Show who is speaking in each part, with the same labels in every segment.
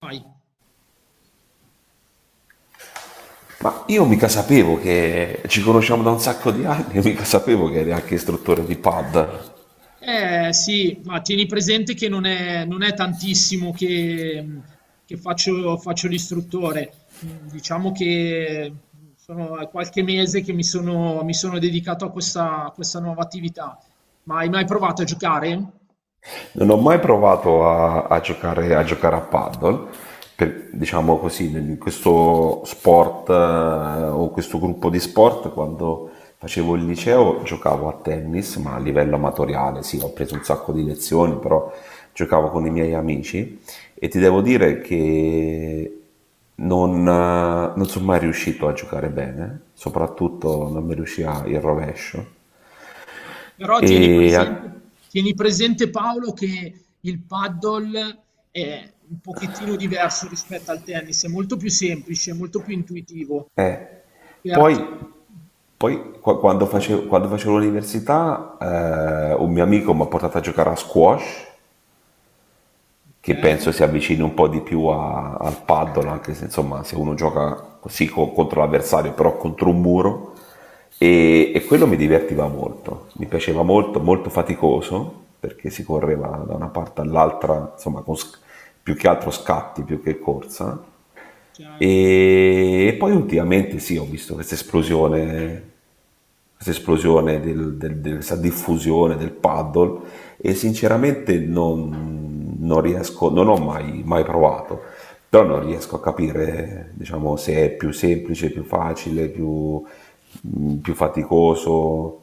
Speaker 1: Vai.
Speaker 2: Ma io mica sapevo che ci conosciamo da un sacco di anni, io mica sapevo che eri anche istruttore di pad.
Speaker 1: Eh sì, ma tieni presente che non è tantissimo che, che faccio l'istruttore. Diciamo che sono qualche mese che mi sono dedicato a questa nuova attività. Ma hai mai provato a giocare?
Speaker 2: Non ho mai provato a giocare a paddle, diciamo così, in questo sport o questo gruppo di sport. Quando facevo il liceo giocavo a tennis, ma a livello amatoriale, sì, ho preso un sacco di lezioni, però giocavo con i miei amici e ti devo dire che non sono mai riuscito a giocare bene, soprattutto non mi riusciva il rovescio.
Speaker 1: Però tieni
Speaker 2: E,
Speaker 1: presente, tieni presente Paolo che il paddle è un pochettino diverso rispetto al tennis, è molto più semplice, molto più intuitivo,
Speaker 2: eh, poi
Speaker 1: perché,
Speaker 2: Quando facevo l'università, un mio amico mi ha portato a giocare a squash, che
Speaker 1: ok,
Speaker 2: penso si avvicini un po' di più al paddle, anche se insomma se uno gioca così contro l'avversario, però contro un muro, e quello mi divertiva molto, mi piaceva molto, molto faticoso, perché si correva da una parte all'altra, insomma più che altro scatti, più che corsa.
Speaker 1: certo.
Speaker 2: E poi ultimamente sì, ho visto questa esplosione del, del, del- questa diffusione del paddle, e sinceramente non riesco, non ho mai, mai provato, però non riesco a capire, diciamo, se è più semplice, più facile, più, più faticoso.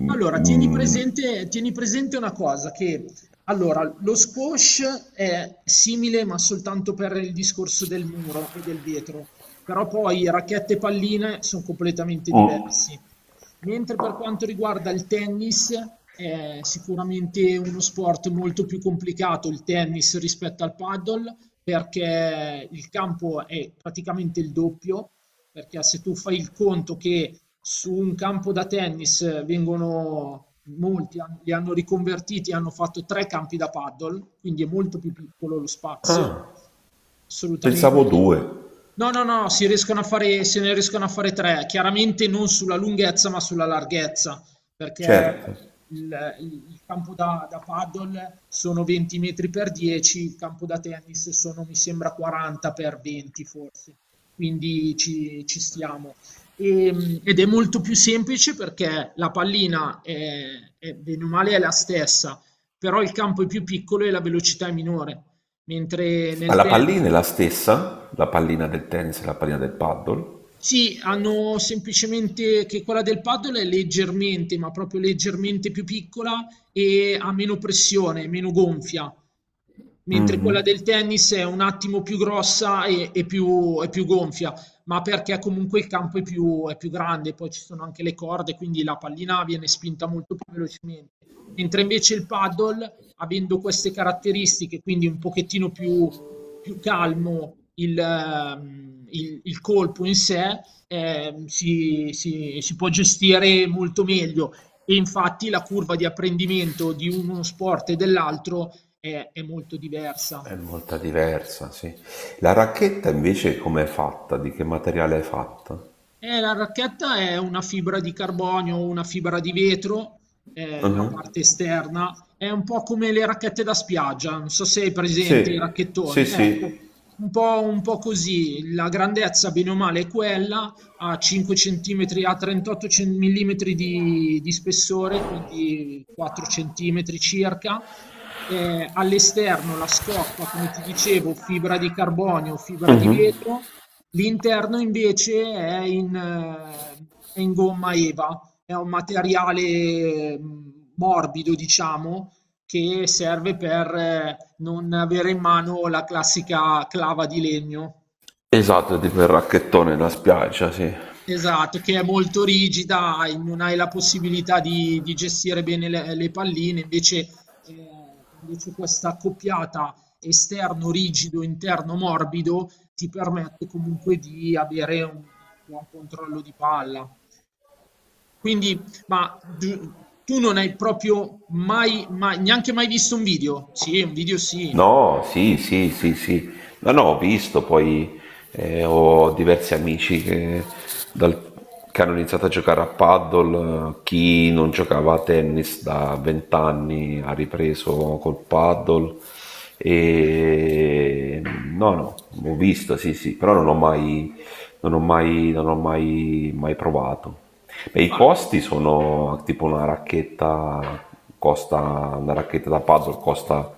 Speaker 2: Mm,
Speaker 1: Allora, tieni
Speaker 2: mm.
Speaker 1: presente, tieni presente una cosa, che allora, lo squash è simile ma soltanto per il discorso del muro e del vetro, però poi racchetta e palline sono completamente diversi. Mentre per quanto riguarda il tennis, è sicuramente uno sport molto più complicato il tennis rispetto al paddle, perché il campo è praticamente il doppio, perché se tu fai il conto che su un campo da tennis vengono molti, li hanno riconvertiti e hanno fatto tre campi da paddle, quindi è molto più piccolo lo spazio.
Speaker 2: Ah, pensavo
Speaker 1: Assolutamente.
Speaker 2: due,
Speaker 1: No, si riescono a fare, se ne riescono a fare tre, chiaramente non sulla lunghezza ma sulla larghezza, perché
Speaker 2: certo.
Speaker 1: il campo da paddle sono 20 metri per 10, il campo da tennis sono, mi sembra, 40 per 20 forse, quindi ci stiamo. Ed è molto più semplice perché la pallina, bene o male è la stessa, però il campo è più piccolo e la velocità è minore, mentre
Speaker 2: Ma
Speaker 1: nel
Speaker 2: la pallina
Speaker 1: tennis...
Speaker 2: è la stessa, la pallina del tennis e la pallina del paddle?
Speaker 1: Sì, hanno semplicemente che quella del paddle è leggermente, ma proprio leggermente più piccola e ha meno pressione, meno gonfia, mentre quella del tennis è un attimo più grossa e più gonfia, ma perché comunque il campo è più grande, poi ci sono anche le corde, quindi la pallina viene spinta molto più velocemente, mentre invece il paddle, avendo queste caratteristiche, quindi un pochettino più più calmo il, il colpo in sé, si può gestire molto meglio. E infatti la curva di apprendimento di uno sport e dell'altro è molto diversa.
Speaker 2: È molto diversa, sì. La racchetta invece com'è fatta? Di che materiale è fatta?
Speaker 1: La racchetta è una fibra di carbonio o una fibra di vetro, la
Speaker 2: Mhm.
Speaker 1: parte esterna. È un po' come le racchette da spiaggia, non so se hai presente i
Speaker 2: Sì, sì,
Speaker 1: racchettoni. Ecco,
Speaker 2: sì.
Speaker 1: un po' così. La grandezza, bene o male, è quella, a 5 cm, a 38 cm di spessore, quindi 4 cm circa all'esterno la scocca, come ti dicevo, fibra di carbonio, fibra di vetro, l'interno invece è in gomma EVA, è un materiale morbido, diciamo, che serve per non avere in mano la classica clava di legno.
Speaker 2: Esatto, tipo il racchettone nella spiaggia, sì.
Speaker 1: Esatto, che è molto rigida, non hai la possibilità di gestire bene le palline, invece, invece questa accoppiata esterno rigido, interno morbido ti permette comunque di avere un buon controllo di palla. Quindi, tu non hai proprio neanche mai visto un video? Sì, un video sì.
Speaker 2: No, sì, sì, sì, sì. No, no, ho visto, poi ho diversi amici dal- che hanno iniziato a giocare a paddle, chi non giocava a tennis da vent'anni ha ripreso col paddle. E no, no, ho visto, sì, sì, però non ho mai, mai provato. Beh, i
Speaker 1: Guarda,
Speaker 2: costi sono tipo una racchetta, costa una racchetta da puzzle, costa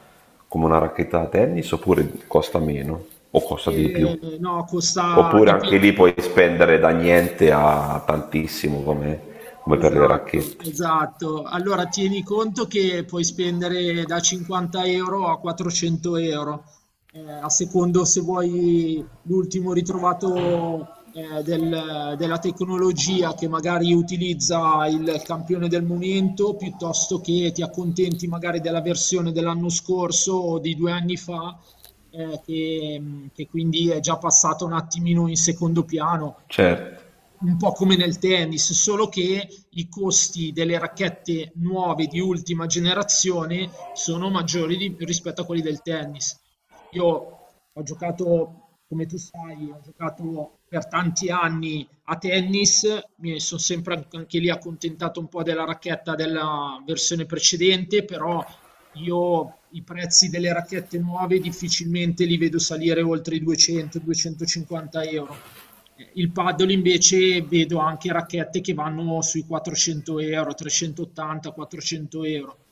Speaker 2: come una racchetta da tennis, oppure costa meno o costa di più?
Speaker 1: no, costa
Speaker 2: Oppure
Speaker 1: di più.
Speaker 2: anche lì puoi spendere da niente a tantissimo come, come per le
Speaker 1: Esatto,
Speaker 2: racchette.
Speaker 1: esatto. Allora tieni conto che puoi spendere da 50 euro a 400 euro, a secondo se vuoi l'ultimo ritrovato della tecnologia che magari utilizza il campione del momento, piuttosto che ti accontenti magari della versione dell'anno scorso o di due anni fa, eh, che che quindi è già passato un attimino in secondo piano.
Speaker 2: Certo,
Speaker 1: Un po' come nel tennis, solo che i costi delle racchette nuove di ultima generazione sono maggiori rispetto a quelli del tennis. Io ho giocato, come tu sai, ho giocato per tanti anni a tennis, mi sono sempre an- anche lì accontentato un po' della racchetta della versione precedente, però io i prezzi delle racchette nuove difficilmente li vedo salire oltre i 200-250 euro. Il paddle invece vedo anche racchette che vanno sui 400 euro, 380, 400 euro,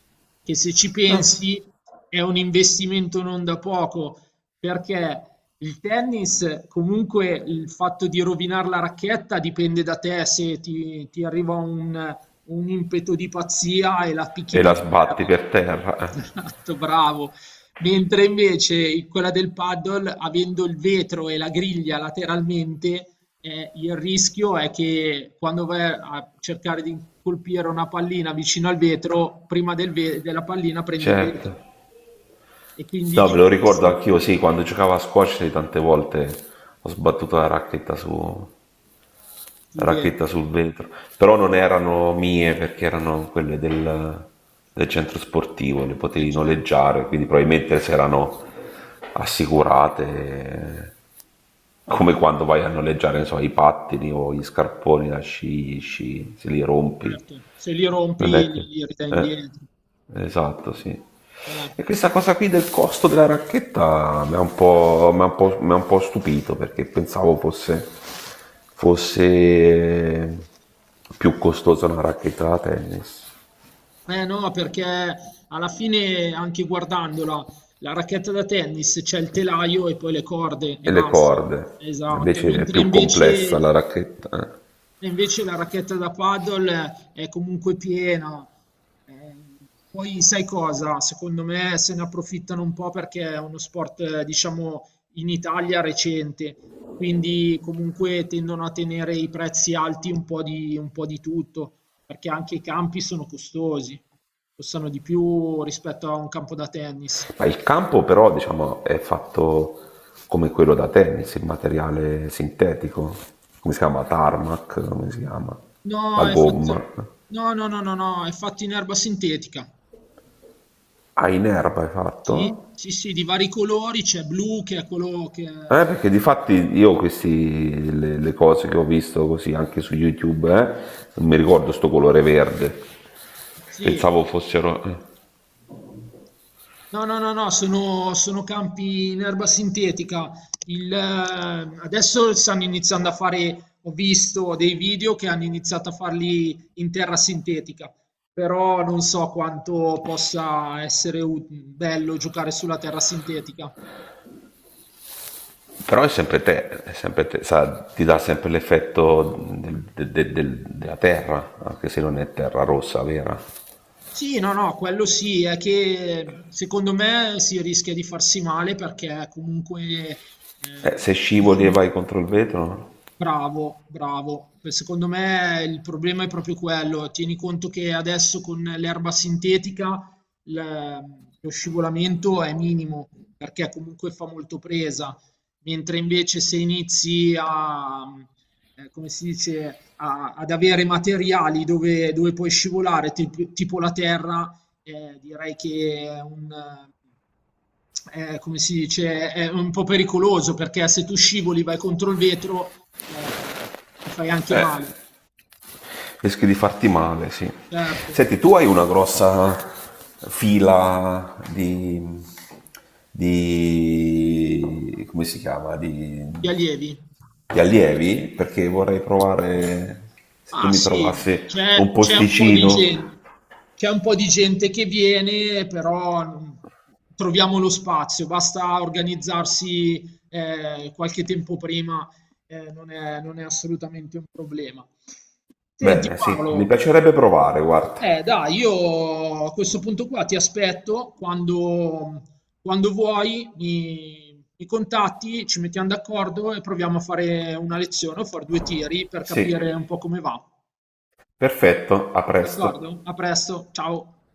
Speaker 1: che se ci pensi è un investimento non da poco, perché il tennis, comunque il fatto di rovinare la racchetta dipende da te, se ti arriva un impeto di pazzia e la picchi
Speaker 2: e
Speaker 1: per
Speaker 2: la
Speaker 1: terra.
Speaker 2: sbatti per terra, eh.
Speaker 1: Esatto, bravo. Mentre invece quella del paddle, avendo il vetro e la griglia lateralmente, il rischio è che quando vai a cercare di colpire una pallina vicino al vetro, prima della pallina prendi il vetro
Speaker 2: Certo.
Speaker 1: e quindi
Speaker 2: No, me
Speaker 1: ci
Speaker 2: lo ricordo
Speaker 1: passi
Speaker 2: anch'io, sì, quando giocavo a squash, sì, tante volte ho sbattuto la racchetta, su, la
Speaker 1: sul
Speaker 2: racchetta
Speaker 1: vetro.
Speaker 2: sul vetro, però non erano mie perché erano quelle del centro sportivo, le
Speaker 1: Eh,
Speaker 2: potevi
Speaker 1: certo,
Speaker 2: noleggiare, quindi probabilmente se erano assicurate, eh, come quando vai a noleggiare, non so, i pattini o gli scarponi da sci, gli sci, se li rompi.
Speaker 1: certo. Se li rompi
Speaker 2: Vabbè,
Speaker 1: li,
Speaker 2: che-
Speaker 1: li ridai
Speaker 2: eh,
Speaker 1: indietro.
Speaker 2: esatto, sì.
Speaker 1: Certo.
Speaker 2: E questa cosa qui del costo della racchetta mi ha un po' stupito, perché pensavo fosse, fosse più costosa una racchetta da tennis
Speaker 1: Eh no, perché alla fine anche guardandola, la racchetta da tennis c'è il telaio e poi le corde e
Speaker 2: e le
Speaker 1: basta.
Speaker 2: corde,
Speaker 1: Esatto,
Speaker 2: invece è
Speaker 1: mentre
Speaker 2: più complessa la
Speaker 1: invece
Speaker 2: racchetta, eh.
Speaker 1: la racchetta da paddle è comunque piena. Eh, poi sai cosa? Secondo me se ne approfittano un po' perché è uno sport, diciamo, in Italia recente, quindi comunque tendono a tenere i prezzi alti un po' di tutto, perché anche i campi sono costosi, costano di più rispetto a un campo da tennis.
Speaker 2: Ma il campo però, diciamo, è fatto come quello da tennis, il materiale sintetico, come si chiama? Tarmac, come si chiama?
Speaker 1: No,
Speaker 2: La
Speaker 1: è
Speaker 2: gomma,
Speaker 1: fatto...
Speaker 2: eh.
Speaker 1: No, è fatto in erba sintetica.
Speaker 2: Ah, in erba hai fatto?
Speaker 1: Sì, di vari colori, c'è blu che è quello che è...
Speaker 2: Perché di fatti io questi, le cose che ho visto così anche su YouTube, non mi ricordo sto colore verde,
Speaker 1: Sì,
Speaker 2: pensavo fossero....
Speaker 1: no, no, no, no, sono, sono campi in erba sintetica. Il, adesso stanno iniziando a fare, ho visto dei video che hanno iniziato a farli in terra sintetica, però non so quanto possa essere bello giocare sulla terra sintetica.
Speaker 2: Però è sempre te, sa, ti dà sempre l'effetto della terra, anche se non è terra rossa vera.
Speaker 1: Sì, no, no, quello sì, è che secondo me si rischia di farsi male perché comunque eh,
Speaker 2: Se scivoli e vai contro il vetro,
Speaker 1: bravo. Beh, secondo me il problema è proprio quello. Tieni conto che adesso con l'erba sintetica l- lo scivolamento è minimo perché comunque fa molto presa, mentre invece se inizi a, come si dice, ad avere materiali dove, dove puoi scivolare, tipo la terra, direi che è un, come si dice, è un po' pericoloso perché se tu scivoli vai contro il vetro eh, ti fai anche male,
Speaker 2: eh, rischi di farti male, sì.
Speaker 1: certo.
Speaker 2: Senti, tu hai una grossa fila di come si chiama?
Speaker 1: Gli allievi?
Speaker 2: Di allievi, perché vorrei provare se tu
Speaker 1: Ah
Speaker 2: mi trovassi
Speaker 1: sì,
Speaker 2: un
Speaker 1: c'è un po' di
Speaker 2: posticino.
Speaker 1: gente, c'è un po' di gente che viene, però non- troviamo lo spazio, basta organizzarsi qualche tempo prima, non è assolutamente un problema. Senti
Speaker 2: Bene, sì, mi
Speaker 1: Paolo,
Speaker 2: piacerebbe provare, guarda.
Speaker 1: eh dai, io a questo punto qua ti aspetto quando vuoi, mi contatti, ci mettiamo d'accordo e proviamo a fare una lezione o fare due tiri per
Speaker 2: Sì,
Speaker 1: capire un po' come va.
Speaker 2: perfetto, a presto.
Speaker 1: D'accordo? A presto, ciao.